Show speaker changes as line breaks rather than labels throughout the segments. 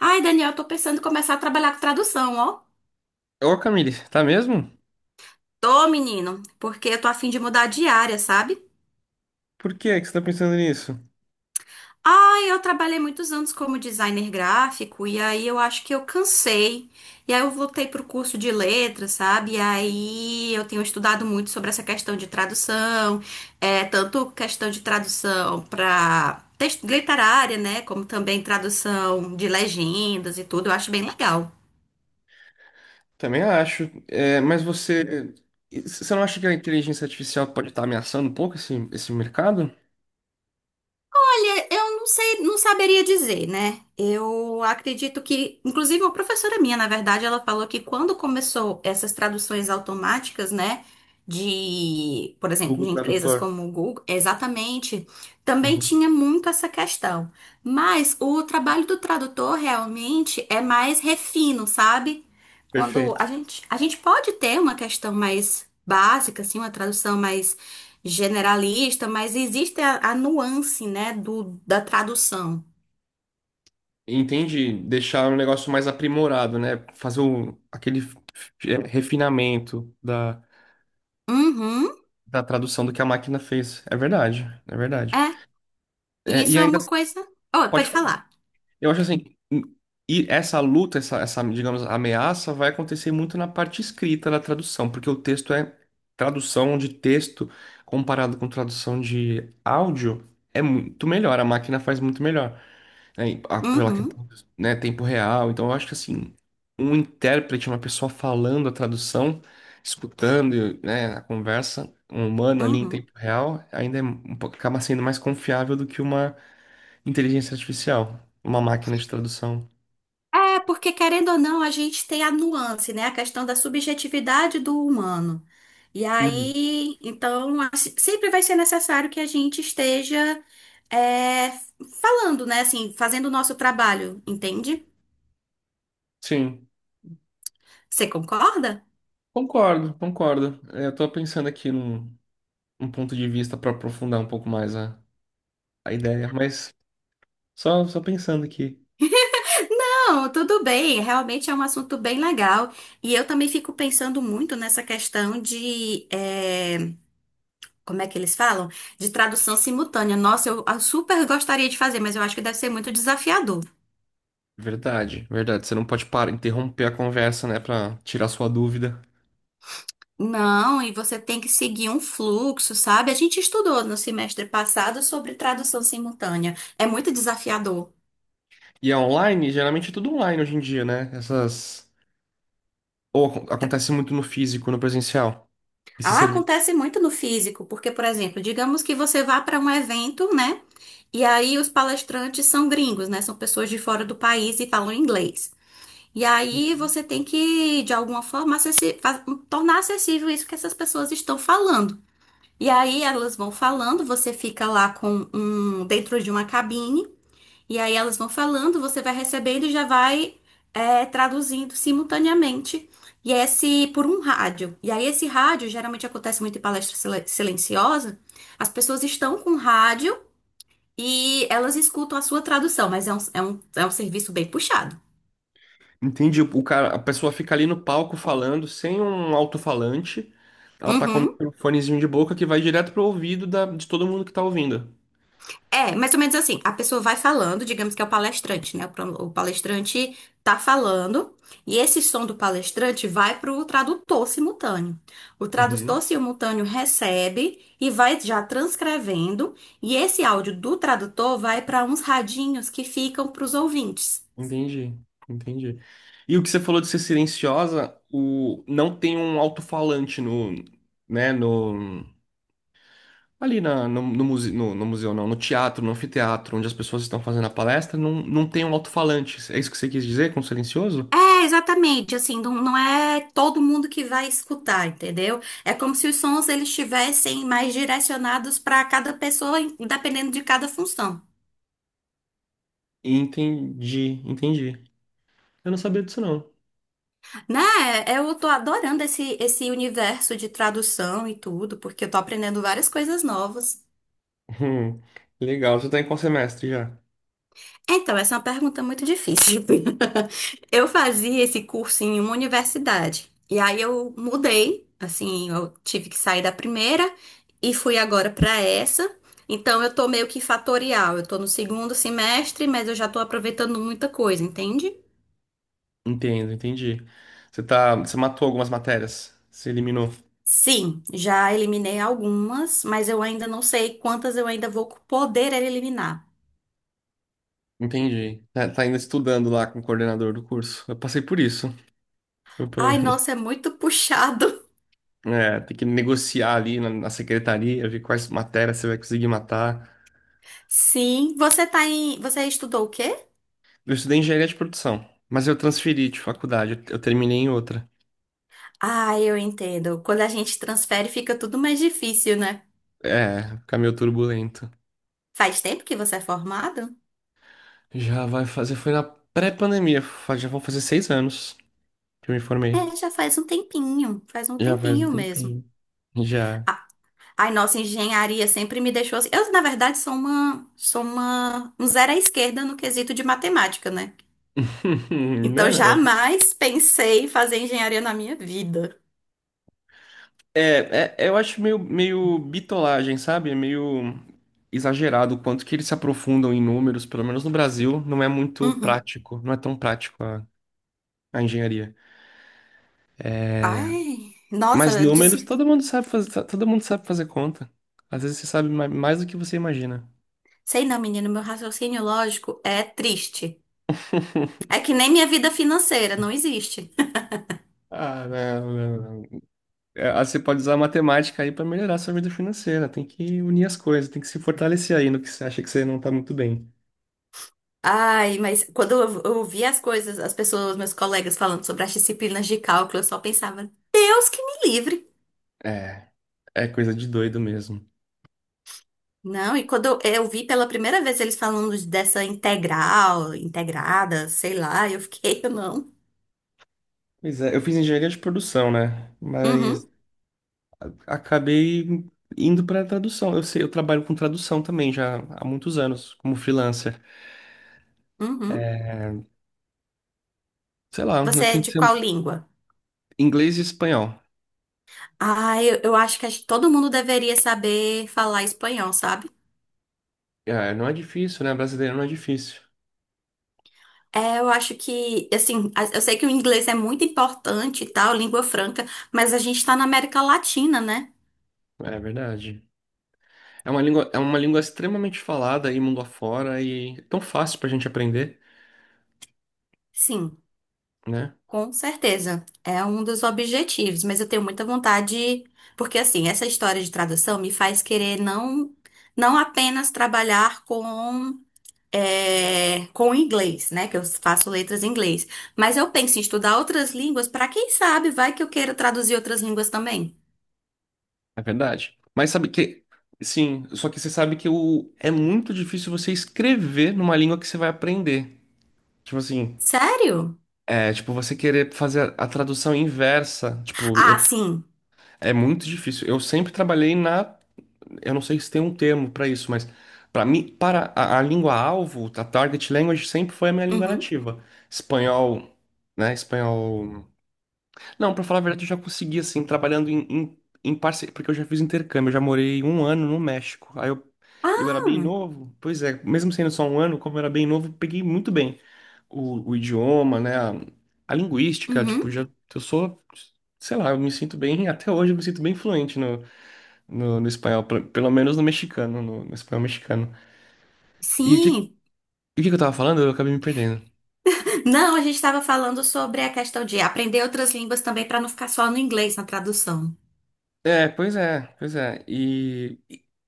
Ai, Daniel, eu tô pensando em começar a trabalhar com tradução, ó.
Ô, Camille, tá mesmo?
Tô, menino, porque eu tô a fim de mudar de área, sabe?
Por que é que você tá pensando nisso?
Ai, eu trabalhei muitos anos como designer gráfico e aí eu acho que eu cansei. E aí eu voltei pro curso de letras, sabe? E aí eu tenho estudado muito sobre essa questão de tradução, tanto questão de tradução pra texto literária, né? Como também tradução de legendas e tudo. Eu acho bem legal.
Também acho. É, mas você. Você não acha que a inteligência artificial pode estar ameaçando um pouco esse mercado?
Olha, eu não sei, não saberia dizer, né? Eu acredito que, inclusive, a professora minha, na verdade, ela falou que quando começou essas traduções automáticas, né, por exemplo,
Google
de empresas
Tradutor.
como o Google, exatamente, também
Uhum.
tinha muito essa questão. Mas o trabalho do tradutor realmente é mais refino, sabe? Quando a
Perfeito.
gente, a gente pode ter uma questão mais básica, assim, uma tradução mais generalista, mas existe a nuance, né, do, da tradução.
Entende? Deixar um negócio mais aprimorado, né? Fazer o, aquele refinamento da,
Uhum,
da tradução do que a máquina fez. É verdade, é verdade.
é. E
É, e
isso é
ainda
uma coisa. Oh,
pode
pode falar.
eu acho assim, hum, e essa luta, essa, digamos, ameaça vai acontecer muito na parte escrita da tradução, porque o texto é tradução de texto comparado com tradução de áudio é muito melhor, a máquina faz muito melhor, né, e pela
Uhum,
questão, né, tempo real. Então eu acho que assim, um intérprete, uma pessoa falando a tradução, escutando, né, a conversa, um humano ali em
uhum.
tempo real, ainda é acaba sendo mais confiável do que uma inteligência artificial, uma máquina de tradução.
É, porque querendo ou não, a gente tem a nuance, né? A questão da subjetividade do humano. E
Uhum.
aí, então, sempre vai ser necessário que a gente esteja é, falando, né? Assim, fazendo o nosso trabalho, entende?
Sim,
Você concorda?
concordo, concordo. É, eu tô pensando aqui num, um ponto de vista para aprofundar um pouco mais a ideia, mas só pensando aqui.
Não, tudo bem, realmente é um assunto bem legal. E eu também fico pensando muito nessa questão de, como é que eles falam? De tradução simultânea. Nossa, eu super gostaria de fazer, mas eu acho que deve ser muito desafiador.
Verdade, verdade. Você não pode parar, interromper a conversa, né, para tirar sua dúvida.
Não, e você tem que seguir um fluxo, sabe? A gente estudou no semestre passado sobre tradução simultânea. É muito desafiador.
E é online, geralmente é tudo online hoje em dia, né? Essas. Ou acontece muito no físico, no presencial, esse
Ah,
serviço.
acontece muito no físico, porque, por exemplo, digamos que você vá para um evento, né? E aí os palestrantes são gringos, né? São pessoas de fora do país e falam inglês. E aí
Uhum.
você tem que, de alguma forma, tornar acessível isso que essas pessoas estão falando. E aí elas vão falando, você fica lá com um dentro de uma cabine, e aí elas vão falando, você vai recebendo e já vai traduzindo simultaneamente. E é esse por um rádio. E aí esse rádio geralmente acontece muito em palestra silenciosa. As pessoas estão com rádio. E elas escutam a sua tradução, mas é um serviço bem puxado.
Entendi. O cara, a pessoa fica ali no palco falando sem um alto-falante. Ela tá com
Uhum.
um fonezinho de boca que vai direto pro ouvido da, de todo mundo que tá ouvindo.
É, mais ou menos assim, a pessoa vai falando, digamos que é o palestrante, né? O palestrante tá falando, e esse som do palestrante vai pro tradutor simultâneo. O
Uhum.
tradutor simultâneo recebe e vai já transcrevendo, e esse áudio do tradutor vai para uns radinhos que ficam pros ouvintes.
Entendi, entendi. E o que você falou de ser silenciosa, o não tem um alto-falante no, né, no ali na, muse, no museu não, no teatro, no anfiteatro, onde as pessoas estão fazendo a palestra, não, não tem um alto-falante. É isso que você quis dizer com silencioso?
É, exatamente, assim, não é todo mundo que vai escutar, entendeu? É como se os sons eles estivessem mais direcionados para cada pessoa, dependendo de cada função.
Entendi, entendi. Eu não sabia disso não.
Né? Eu tô adorando esse universo de tradução e tudo, porque eu tô aprendendo várias coisas novas.
Hum, legal. Você tá em qual semestre já?
Então, essa é uma pergunta muito difícil. Eu fazia esse curso em uma universidade. E aí eu mudei, assim, eu tive que sair da primeira e fui agora para essa. Então, eu tô meio que fatorial. Eu tô no segundo semestre, mas eu já tô aproveitando muita coisa, entende?
Entendo, entendi. Você tá, você matou algumas matérias, você eliminou.
Sim, já eliminei algumas, mas eu ainda não sei quantas eu ainda vou poder eliminar.
Entendi. Tá, tá ainda estudando lá com o coordenador do curso. Eu passei por isso. Eu, pelo
Ai,
menos,
nossa, é muito puxado.
é, tem que negociar ali na, na secretaria, ver quais matérias você vai conseguir matar.
Sim, você estudou o quê?
Eu estudei engenharia de produção, mas eu transferi de faculdade, eu terminei em outra.
Ah, eu entendo. Quando a gente transfere, fica tudo mais difícil, né?
É, caminho turbulento.
Faz tempo que você é formado?
Já vai fazer, foi na pré-pandemia, já vão fazer 6 anos que eu me formei.
É, já faz um
Já faz um
tempinho mesmo.
tempinho. Já.
Ah, ai, nossa, engenharia sempre me deixou assim. Eu, na verdade, um zero à esquerda no quesito de matemática, né?
Não
Então,
é, não.
jamais pensei em fazer engenharia na minha vida.
Eu acho meio bitolagem, sabe? É meio exagerado o quanto que eles se aprofundam em números, pelo menos no Brasil, não é muito
Uhum.
prático, não é tão prático a engenharia.
Ai, nossa,
Mas
eu
números,
disse,
todo mundo sabe fazer, todo mundo sabe fazer conta. Às vezes você sabe mais do que você imagina.
sei não, menino, meu raciocínio lógico é triste. É que nem minha vida financeira, não existe.
Ah, não, não, não. É, ah, você pode usar a matemática aí para melhorar a sua vida financeira. Tem que unir as coisas, tem que se fortalecer aí no que você acha que você não tá muito bem.
Ai, mas quando eu ouvia as coisas, as pessoas, meus colegas falando sobre as disciplinas de cálculo, eu só pensava, Deus que me livre.
É, é coisa de doido mesmo.
Não, e quando eu vi pela primeira vez eles falando dessa integral, integrada, sei lá, eu fiquei, eu não.
Pois é, eu fiz engenharia de produção, né? Mas
Uhum,
acabei indo para tradução. Eu sei, eu trabalho com tradução também já há muitos anos, como freelancer.
uhum.
É, sei lá, eu
Você é
tento
de
ser
qual língua?
inglês e espanhol.
Ah, eu acho que todo mundo deveria saber falar espanhol, sabe?
É, não é difícil, né? Brasileiro não é difícil.
É, eu acho que, assim, eu sei que o inglês é muito importante e tal, língua franca, mas a gente tá na América Latina, né?
É verdade. É uma língua extremamente falada aí mundo afora e é tão fácil pra gente aprender,
Sim.
né?
Com certeza, é um dos objetivos, mas eu tenho muita vontade, porque assim, essa história de tradução me faz querer não apenas trabalhar com inglês, né? Que eu faço letras em inglês, mas eu penso em estudar outras línguas para quem sabe, vai que eu queira traduzir outras línguas também.
É verdade. Mas sabe que, sim, só que você sabe que o, é muito difícil você escrever numa língua que você vai aprender. Tipo assim,
Sério?
é, tipo, você querer fazer a tradução inversa, tipo, eu,
Ah, sim.
é muito difícil. Eu sempre trabalhei na, eu não sei se tem um termo pra isso, mas para mim, para a língua alvo, a target language sempre foi a minha língua
Uhum.
nativa. Espanhol, né? Espanhol. Não, pra falar a verdade, eu já consegui assim trabalhando em porque eu já fiz intercâmbio, eu já morei 1 ano no México. Aí eu era bem
Ah,
novo, pois é, mesmo sendo só 1 ano, como eu era bem novo, peguei muito bem o idioma, né? A linguística, tipo,
uhum.
já eu sou, sei lá, eu me sinto bem, até hoje eu me sinto bem fluente no, no espanhol, pelo pelo menos no mexicano, no espanhol mexicano.
Sim.
E o que que eu tava falando? Eu acabei me perdendo.
Não, a gente estava falando sobre a questão de aprender outras línguas também para não ficar só no inglês na tradução.
É, pois é, pois é.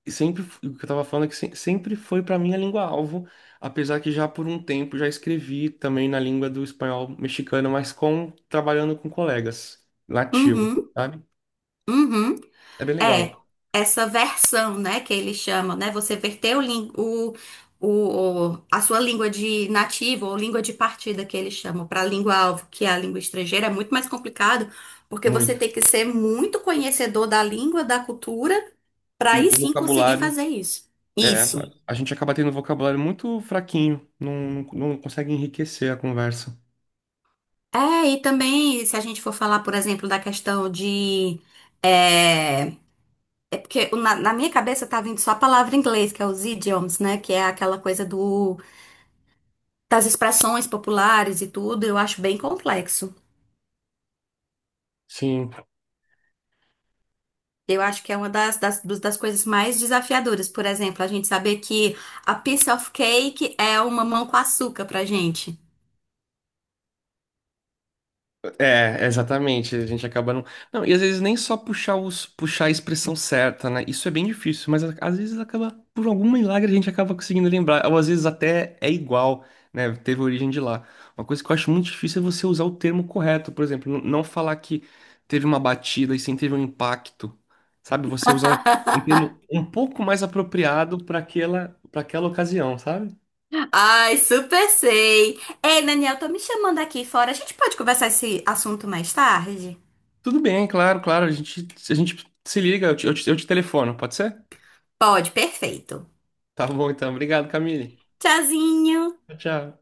E sempre o que eu tava falando é que sempre foi pra mim a língua-alvo, apesar que já por um tempo já escrevi também na língua do espanhol mexicano, mas com trabalhando com colegas nativos,
Uhum.
sabe?
Uhum.
É bem
É,
legal,
essa versão, né, que eles chamam, né? Você verter o, lin- o- a sua língua de nativo ou língua de partida que eles chamam para a língua-alvo, que é a língua estrangeira, é muito mais complicado, porque você
muito.
tem que ser muito conhecedor da língua, da cultura, para aí
O
sim conseguir
vocabulário
fazer isso.
é,
Isso.
a gente acaba tendo um vocabulário muito fraquinho, não, não, não consegue enriquecer a conversa.
É, e também, se a gente for falar, por exemplo, da questão de. É, é porque na minha cabeça tá vindo só a palavra em inglês, que é os idioms, né? Que é aquela coisa do das expressões populares e tudo, eu acho bem complexo.
Sim.
Eu acho que é uma das coisas mais desafiadoras. Por exemplo, a gente saber que a piece of cake é uma mão com açúcar pra gente.
É, exatamente. A gente acaba não. Não, e às vezes nem só puxar os puxar a expressão certa, né? Isso é bem difícil, mas às vezes acaba, por algum milagre, a gente acaba conseguindo lembrar. Ou às vezes até é igual, né? Teve origem de lá. Uma coisa que eu acho muito difícil é você usar o termo correto, por exemplo, não falar que teve uma batida e sim teve um impacto. Sabe? Você usar um, um termo um pouco mais apropriado para aquela ocasião, sabe?
Ai, super sei. Ei, Daniel, tô me chamando aqui fora. A gente pode conversar esse assunto mais tarde?
Tudo bem, claro, claro. A gente se liga, eu te telefono, pode ser?
Pode, perfeito.
Tá bom, então. Obrigado, Camille.
Tchauzinho.
Tchau, tchau.